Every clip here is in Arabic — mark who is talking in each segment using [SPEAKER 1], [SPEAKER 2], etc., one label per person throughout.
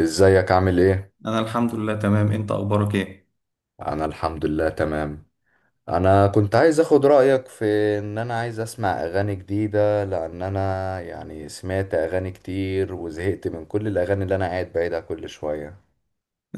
[SPEAKER 1] ازيك؟ عامل ايه؟
[SPEAKER 2] انا الحمد لله تمام. انت اخبارك ايه؟
[SPEAKER 1] انا الحمد لله تمام. انا كنت عايز اخد رأيك في ان انا عايز اسمع اغاني جديدة، لان انا يعني سمعت اغاني كتير وزهقت من كل الاغاني اللي انا قاعد بعيدها كل شوية.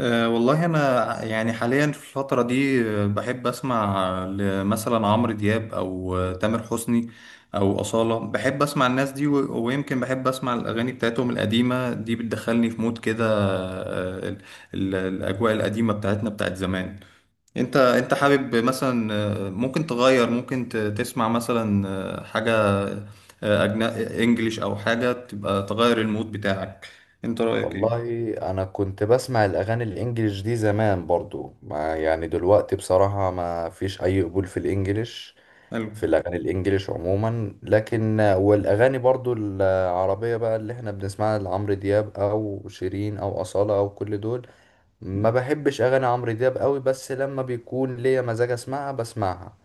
[SPEAKER 2] أه والله، انا يعني حاليا في الفتره دي، بحب اسمع مثلا عمرو دياب او تامر حسني او اصاله. بحب اسمع الناس دي، ويمكن بحب اسمع الاغاني بتاعتهم القديمه دي، بتدخلني في مود كده. الاجواء القديمه بتاعتنا، بتاعت زمان. انت حابب مثلا، ممكن تغير، ممكن تسمع مثلا حاجه، انجليش، او حاجه تبقى تغير المود بتاعك؟ انت رايك
[SPEAKER 1] والله
[SPEAKER 2] ايه؟
[SPEAKER 1] انا كنت بسمع الاغاني الانجليش دي زمان برضو، ما يعني دلوقتي بصراحة ما فيش اي قبول في الانجليش،
[SPEAKER 2] حلو،
[SPEAKER 1] في الاغاني الانجليش عموما. لكن والاغاني برضو العربية بقى اللي احنا بنسمعها لعمرو دياب او شيرين او أصالة او كل دول، ما بحبش اغاني عمرو دياب قوي، بس لما بيكون ليا مزاج اسمعها بسمعها.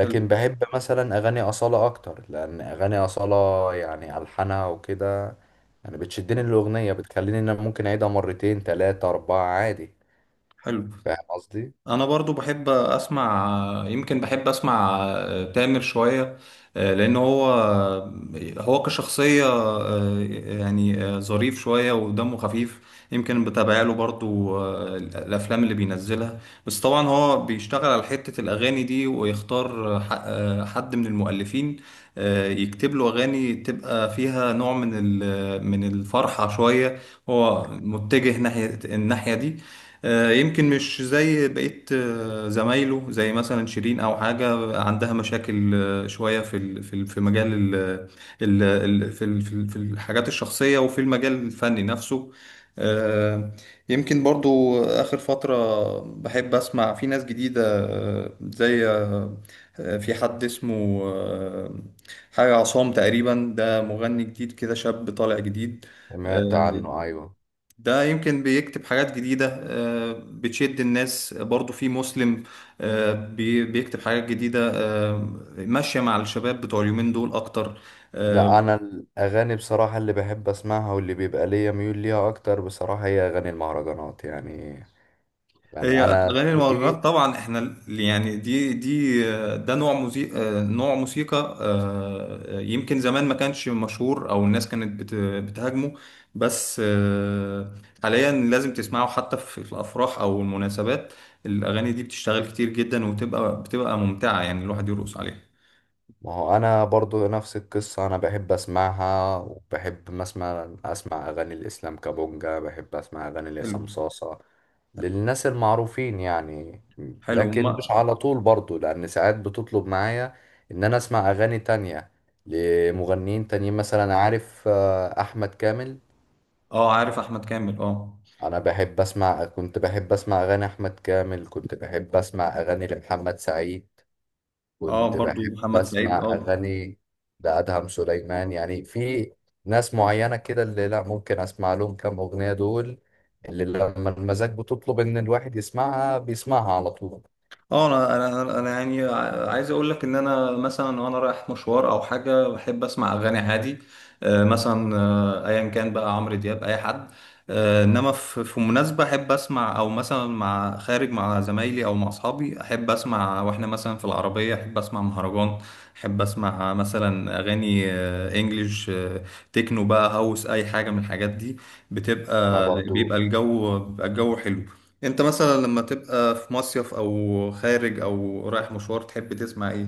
[SPEAKER 2] حلو،
[SPEAKER 1] بحب مثلا اغاني اصالة اكتر، لان اغاني اصالة يعني الحانها وكده، يعني بتشدني الاغنية، بتخليني ان انا ممكن اعيدها مرتين تلاتة اربعة عادي.
[SPEAKER 2] حلو.
[SPEAKER 1] فاهم قصدي؟
[SPEAKER 2] انا برضو بحب اسمع، يمكن بحب اسمع تامر شوية، لان هو كشخصية، يعني ظريف شوية ودمه خفيف. يمكن بتابع له برضو الافلام اللي بينزلها. بس طبعا هو بيشتغل على حتة الاغاني دي، ويختار حد من المؤلفين، يكتب له اغاني تبقى فيها نوع من الفرحة شوية. هو متجه ناحية الناحية دي. يمكن مش زي بقية زمايله، زي مثلا شيرين، أو حاجة عندها مشاكل شوية في مجال ال ال ال في الحاجات الشخصية، وفي المجال الفني نفسه. آه، يمكن برضو آخر فترة بحب أسمع في ناس جديدة، آه، زي آه، آه، في حد اسمه حاجة عصام تقريبا، ده مغني جديد كده، شاب طالع جديد.
[SPEAKER 1] سمعت
[SPEAKER 2] آه،
[SPEAKER 1] عنه، ايوه.
[SPEAKER 2] ده يمكن بيكتب حاجات جديدة بتشد الناس، برضو في مسلم بيكتب حاجات جديدة، ماشية مع الشباب بتوع اليومين دول أكتر. آه،
[SPEAKER 1] لا، انا الاغاني بصراحة اللي بحب اسمعها واللي بيبقى ليا ميول ليها اكتر بصراحة هي اغاني المهرجانات، يعني
[SPEAKER 2] هي
[SPEAKER 1] يعني انا
[SPEAKER 2] اغاني المهرجانات
[SPEAKER 1] ذوقي.
[SPEAKER 2] طبعا. احنا يعني دي، ده نوع موسيقى يمكن زمان ما كانش مشهور، او الناس كانت بتهاجمه. بس حاليا لازم تسمعه، حتى في الافراح او المناسبات. الاغاني دي بتشتغل كتير جدا، بتبقى ممتعة، يعني الواحد يرقص عليها.
[SPEAKER 1] ما هو انا برضو نفس القصة، انا بحب اسمعها، وبحب مثلا اسمع اغاني الاسلام كابونجا، بحب اسمع اغاني
[SPEAKER 2] حلو،
[SPEAKER 1] لعصام صاصة، للناس المعروفين يعني.
[SPEAKER 2] حلو،
[SPEAKER 1] لكن
[SPEAKER 2] ما
[SPEAKER 1] مش على طول برضو، لان ساعات بتطلب معايا ان انا اسمع اغاني تانية لمغنيين تانيين، مثلا عارف احمد كامل.
[SPEAKER 2] اه، عارف احمد كامل، اه.
[SPEAKER 1] انا بحب اسمع، كنت بحب اسمع اغاني احمد كامل، كنت بحب اسمع اغاني لمحمد سعيد،
[SPEAKER 2] اه،
[SPEAKER 1] كنت
[SPEAKER 2] برضو
[SPEAKER 1] بحب
[SPEAKER 2] محمد سعيد،
[SPEAKER 1] أسمع
[SPEAKER 2] اه.
[SPEAKER 1] أغاني لأدهم سليمان، يعني في ناس معينة كده اللي لا ممكن أسمع لهم كام أغنية دول، اللي لما المزاج بتطلب إن الواحد يسمعها بيسمعها على طول.
[SPEAKER 2] اه، انا انا انا أنا يعني عايز اقول لك ان انا مثلا، وانا رايح مشوار او حاجه، بحب اسمع اغاني عادي، مثلا ايا كان، بقى عمرو دياب، اي حد، انما في مناسبه احب اسمع، او مثلا مع خارج، مع زمايلي او مع اصحابي احب اسمع. واحنا مثلا في العربيه احب اسمع مهرجان، احب اسمع مثلا اغاني انجليش، تكنو بقى، هاوس، اي حاجه من الحاجات دي،
[SPEAKER 1] أنا
[SPEAKER 2] بتبقى بيبقى
[SPEAKER 1] برضو
[SPEAKER 2] الجو بيبقى الجو حلو. انت مثلا لما تبقى في مصيف او خارج او رايح مشوار، تحب تسمع ايه؟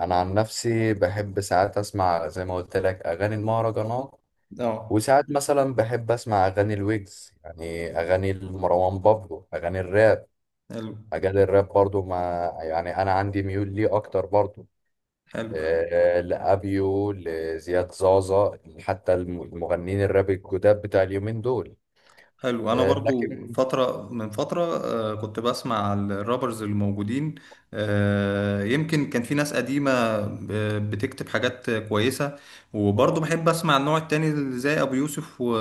[SPEAKER 1] أنا عن نفسي بحب ساعات أسمع زي ما قلت لك أغاني المهرجانات،
[SPEAKER 2] اه.
[SPEAKER 1] وساعات مثلا بحب أسمع أغاني الويجز، يعني أغاني مروان بابلو، أغاني الراب.
[SPEAKER 2] حلو،
[SPEAKER 1] أغاني الراب برضو، ما يعني أنا عندي ميول ليه أكتر برضو،
[SPEAKER 2] حلو،
[SPEAKER 1] لأبيو، لزياد زازا، حتى المغنيين الراب الجداد بتاع اليومين دول.
[SPEAKER 2] حلو. انا برضو
[SPEAKER 1] لكن
[SPEAKER 2] فترة من فترة، كنت بسمع الرابرز الموجودين. يمكن كان في ناس قديمة بتكتب حاجات كويسة. وبرضو بحب اسمع النوع التاني، زي ابو يوسف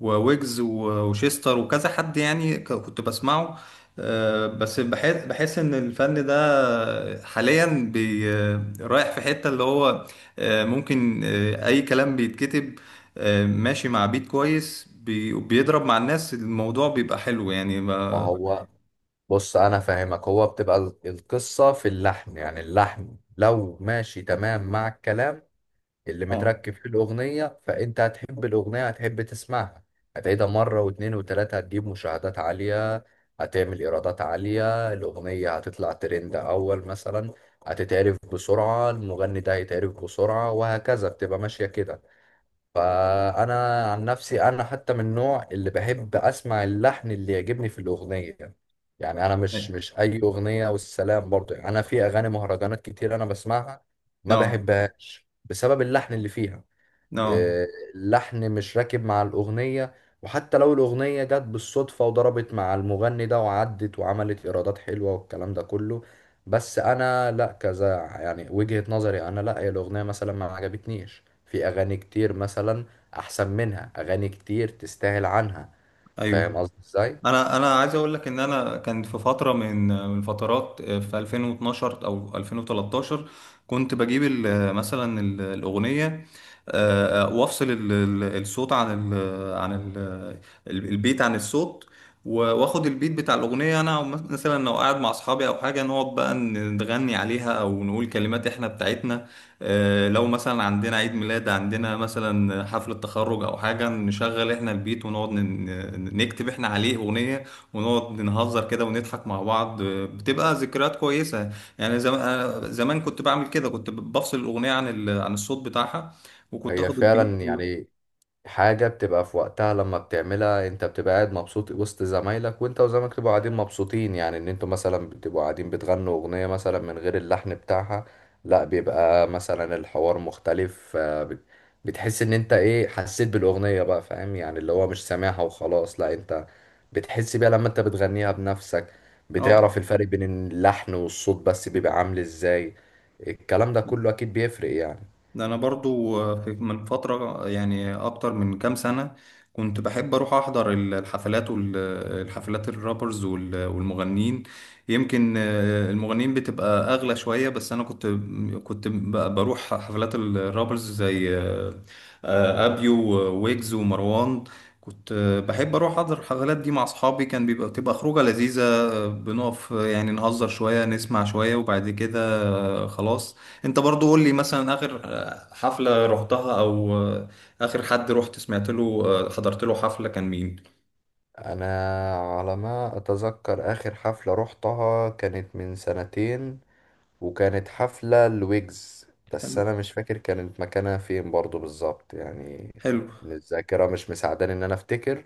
[SPEAKER 2] وويجز وشيستر وكذا حد، يعني كنت بسمعه. بس بحس ان الفن ده حاليا، بي رايح في حتة، اللي هو ممكن اي كلام بيتكتب، ماشي مع بيت كويس، بيضرب مع الناس، الموضوع بيبقى حلو يعني
[SPEAKER 1] ما هو، بص أنا فاهمك، هو بتبقى القصة في اللحن، يعني اللحن لو ماشي تمام مع الكلام اللي
[SPEAKER 2] اه،
[SPEAKER 1] متركب في الأغنية، فأنت هتحب الأغنية، هتحب تسمعها، هتعيدها مرة واتنين وتلاتة، هتجيب مشاهدات عالية، هتعمل إيرادات عالية، الأغنية هتطلع ترند أول مثلا، هتتعرف بسرعة، المغني ده هيتعرف بسرعة، وهكذا بتبقى ماشية كده. فانا عن نفسي انا حتى من النوع اللي بحب اسمع اللحن اللي يعجبني في الاغنيه، يعني انا مش اي اغنيه والسلام برضو، يعني انا في اغاني مهرجانات كتير انا بسمعها ما
[SPEAKER 2] اه،
[SPEAKER 1] بحبهاش بسبب اللحن اللي فيها.
[SPEAKER 2] اه،
[SPEAKER 1] آه، اللحن مش راكب مع الأغنية، وحتى لو الأغنية جت بالصدفة وضربت مع المغني ده وعدت وعملت إيرادات حلوة والكلام ده كله، بس أنا لأ كذا، يعني وجهة نظري أنا لأ، هي الأغنية مثلا ما عجبتنيش، في أغاني كتير مثلا أحسن منها، أغاني كتير تستاهل عنها.
[SPEAKER 2] ايوه.
[SPEAKER 1] فاهم قصدي إزاي؟
[SPEAKER 2] انا عايز اقول لك ان انا كان في فتره، من فترات في 2012 او 2013، كنت بجيب مثلا الاغنيه، وافصل الصوت عن عن ال البيت عن الصوت. واخد البيت بتاع الاغنيه انا، مثلا لو قاعد مع اصحابي او حاجه، نقعد بقى نغني عليها، او نقول كلمات احنا بتاعتنا. لو مثلا عندنا عيد ميلاد، عندنا مثلا حفلة تخرج أو حاجة، نشغل إحنا البيت، ونقعد نكتب إحنا عليه أغنية، ونقعد نهزر كده ونضحك مع بعض، بتبقى ذكريات كويسة. يعني أنا زمان كنت بعمل كده، كنت بفصل الأغنية عن الصوت بتاعها، وكنت
[SPEAKER 1] هي
[SPEAKER 2] آخد البيت
[SPEAKER 1] فعلا يعني حاجة بتبقى في وقتها، لما بتعملها انت بتبقى قاعد مبسوط وسط زمايلك، وانت وزمايلك تبقوا قاعدين مبسوطين، يعني ان انتوا مثلا بتبقوا قاعدين بتغنوا اغنية مثلا من غير اللحن بتاعها، لا بيبقى مثلا الحوار مختلف. بتحس ان انت ايه، حسيت بالاغنية بقى، فاهم، يعني اللي هو مش سامعها وخلاص، لا انت بتحس بيها لما انت بتغنيها بنفسك،
[SPEAKER 2] آه.
[SPEAKER 1] بتعرف الفرق بين اللحن والصوت، بس بيبقى عامل ازاي. الكلام ده كله اكيد بيفرق يعني.
[SPEAKER 2] ده انا برضو، من فترة يعني، اكتر من كام سنة كنت بحب اروح احضر الحفلات، والحفلات الرابرز والمغنيين. يمكن المغنيين بتبقى اغلى شوية، بس انا كنت، بروح حفلات الرابرز، زي ابيو وويجز ومروان. كنت بحب اروح احضر الحفلات دي مع اصحابي، كان بتبقى خروجة لذيذة، بنقف، يعني نهزر شوية، نسمع شوية، وبعد كده خلاص. انت برضو قول لي، مثلا اخر حفلة رحتها، او اخر حد رحت سمعت له حضرت له حفلة، كان مين؟
[SPEAKER 1] انا على ما اتذكر اخر حفلة روحتها كانت من سنتين، وكانت حفلة لويجز، بس
[SPEAKER 2] حلو،
[SPEAKER 1] انا مش فاكر كانت مكانها فين برضو بالظبط يعني،
[SPEAKER 2] حلو،
[SPEAKER 1] الذاكرة مش مساعداني ان انا افتكر.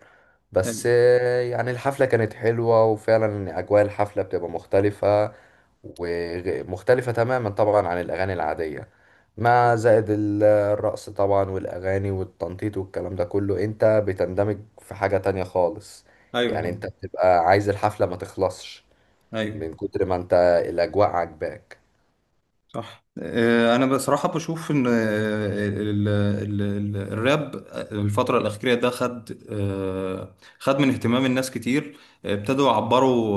[SPEAKER 1] بس
[SPEAKER 2] حلو.
[SPEAKER 1] يعني الحفلة كانت حلوة، وفعلا يعني اجواء الحفلة بتبقى مختلفة، ومختلفة تماما طبعا عن الأغاني العادية، مع زائد الرقص طبعا والأغاني والتنطيط والكلام ده كله، أنت بتندمج في حاجة تانية خالص،
[SPEAKER 2] ايوه
[SPEAKER 1] يعني
[SPEAKER 2] طبعا.
[SPEAKER 1] أنت بتبقى عايز الحفلة ما تخلصش
[SPEAKER 2] ايوه
[SPEAKER 1] من كتر ما أنت الأجواء عاجباك.
[SPEAKER 2] صح. انا بصراحه بشوف ان الراب الفتره الاخيره ده خد من اهتمام الناس كتير. ابتدوا يعبروا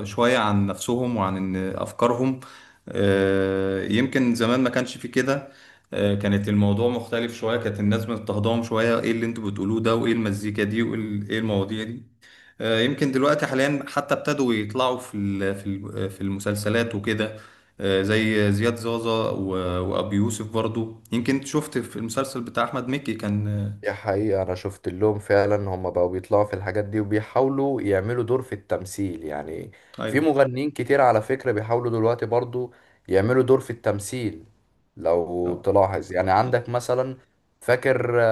[SPEAKER 2] شويه عن نفسهم، وعن إن افكارهم. يمكن زمان ما كانش في كده، كانت الموضوع مختلف شويه، كانت الناس مضطهداهم شويه، ايه اللي انتوا بتقولوه ده، وايه المزيكا دي، وايه إيه المواضيع دي؟ يمكن دلوقتي حاليا، حتى ابتدوا يطلعوا في المسلسلات وكده، زي زياد زازا وأبو يوسف. برضو يمكن شفت في المسلسل بتاع أحمد مكي، كان
[SPEAKER 1] دي حقيقة، أنا شفت لهم فعلا هم بقوا بيطلعوا في الحاجات دي وبيحاولوا يعملوا دور في التمثيل يعني. في
[SPEAKER 2] أيوه.
[SPEAKER 1] مغنيين كتير على فكرة بيحاولوا دلوقتي برضو يعملوا دور في التمثيل، لو
[SPEAKER 2] آه،
[SPEAKER 1] تلاحظ يعني، عندك مثلا فاكر آه،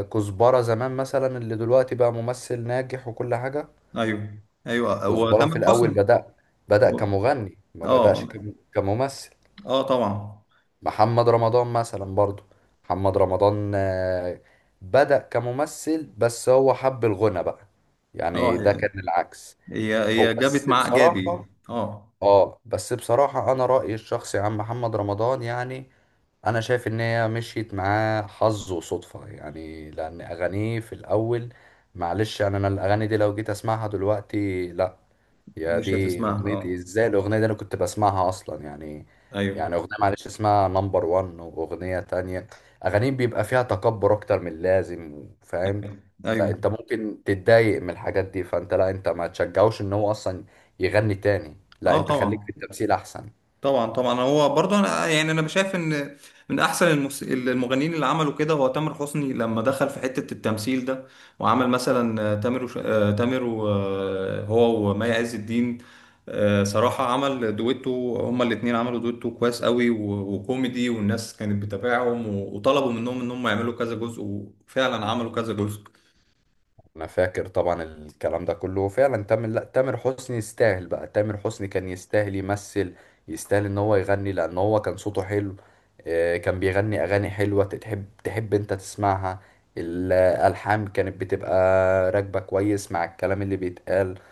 [SPEAKER 1] آه، كزبرة زمان مثلا، اللي دلوقتي بقى ممثل ناجح وكل حاجة.
[SPEAKER 2] أيوه، أيوه. هو
[SPEAKER 1] كزبرة
[SPEAKER 2] تامر
[SPEAKER 1] في الأول
[SPEAKER 2] حسني.
[SPEAKER 1] بدأ
[SPEAKER 2] هو-
[SPEAKER 1] كمغني، ما بدأش
[SPEAKER 2] أه.
[SPEAKER 1] كممثل.
[SPEAKER 2] أه طبعا.
[SPEAKER 1] محمد رمضان مثلا برضو، محمد رمضان بدأ كممثل، بس هو حب الغنى بقى،
[SPEAKER 2] أه.
[SPEAKER 1] يعني ده
[SPEAKER 2] هي
[SPEAKER 1] كان العكس.
[SPEAKER 2] هي
[SPEAKER 1] هو
[SPEAKER 2] هي جابت
[SPEAKER 1] بس
[SPEAKER 2] مع
[SPEAKER 1] بصراحة،
[SPEAKER 2] إيجابي، أه.
[SPEAKER 1] اه بس بصراحة انا رأيي الشخصي عن محمد رمضان يعني، انا شايف ان هي مشيت معاه حظ وصدفة، يعني لان اغانيه في الاول، معلش يعني، انا الاغاني دي لو جيت اسمعها دلوقتي لا، يا
[SPEAKER 2] مش
[SPEAKER 1] دي
[SPEAKER 2] هتسمعها،
[SPEAKER 1] اغنيتي
[SPEAKER 2] أه.
[SPEAKER 1] ازاي، الاغنيه دي انا كنت بسمعها اصلا يعني؟ يعني
[SPEAKER 2] أيوه،
[SPEAKER 1] اغنيه معلش اسمها نمبر 1، واغنيه تانية، اغانيهم بيبقى فيها تكبر اكتر من اللازم، فاهم؟ لا
[SPEAKER 2] أيوه.
[SPEAKER 1] انت ممكن تتضايق من الحاجات دي، فانت لا، انت ما تشجعوش ان هو اصلا يغني تاني، لا،
[SPEAKER 2] أه
[SPEAKER 1] انت خليك في
[SPEAKER 2] طبعا،
[SPEAKER 1] التمثيل احسن.
[SPEAKER 2] طبعا، طبعا. هو برضه انا يعني، انا شايف ان من احسن المغنيين اللي عملوا كده هو تامر حسني، لما دخل في حتة التمثيل ده، وعمل مثلا تامر وش... آه، تامر و... آه، هو ومي عز الدين. صراحة عمل دويتو، هما الاتنين عملوا دويتو كويس قوي وكوميدي، والناس كانت بتتابعهم، وطلبوا منهم ان هم يعملوا كذا جزء، وفعلا عملوا كذا جزء.
[SPEAKER 1] انا فاكر طبعا الكلام ده كله فعلا، تامر، لا تامر حسني يستاهل بقى، تامر حسني كان يستاهل يمثل، يستاهل ان هو يغني، لان هو كان صوته حلو. كان بيغني اغاني حلوة تحب انت تسمعها، الالحان كانت بتبقى راكبة كويس مع الكلام اللي بيتقال.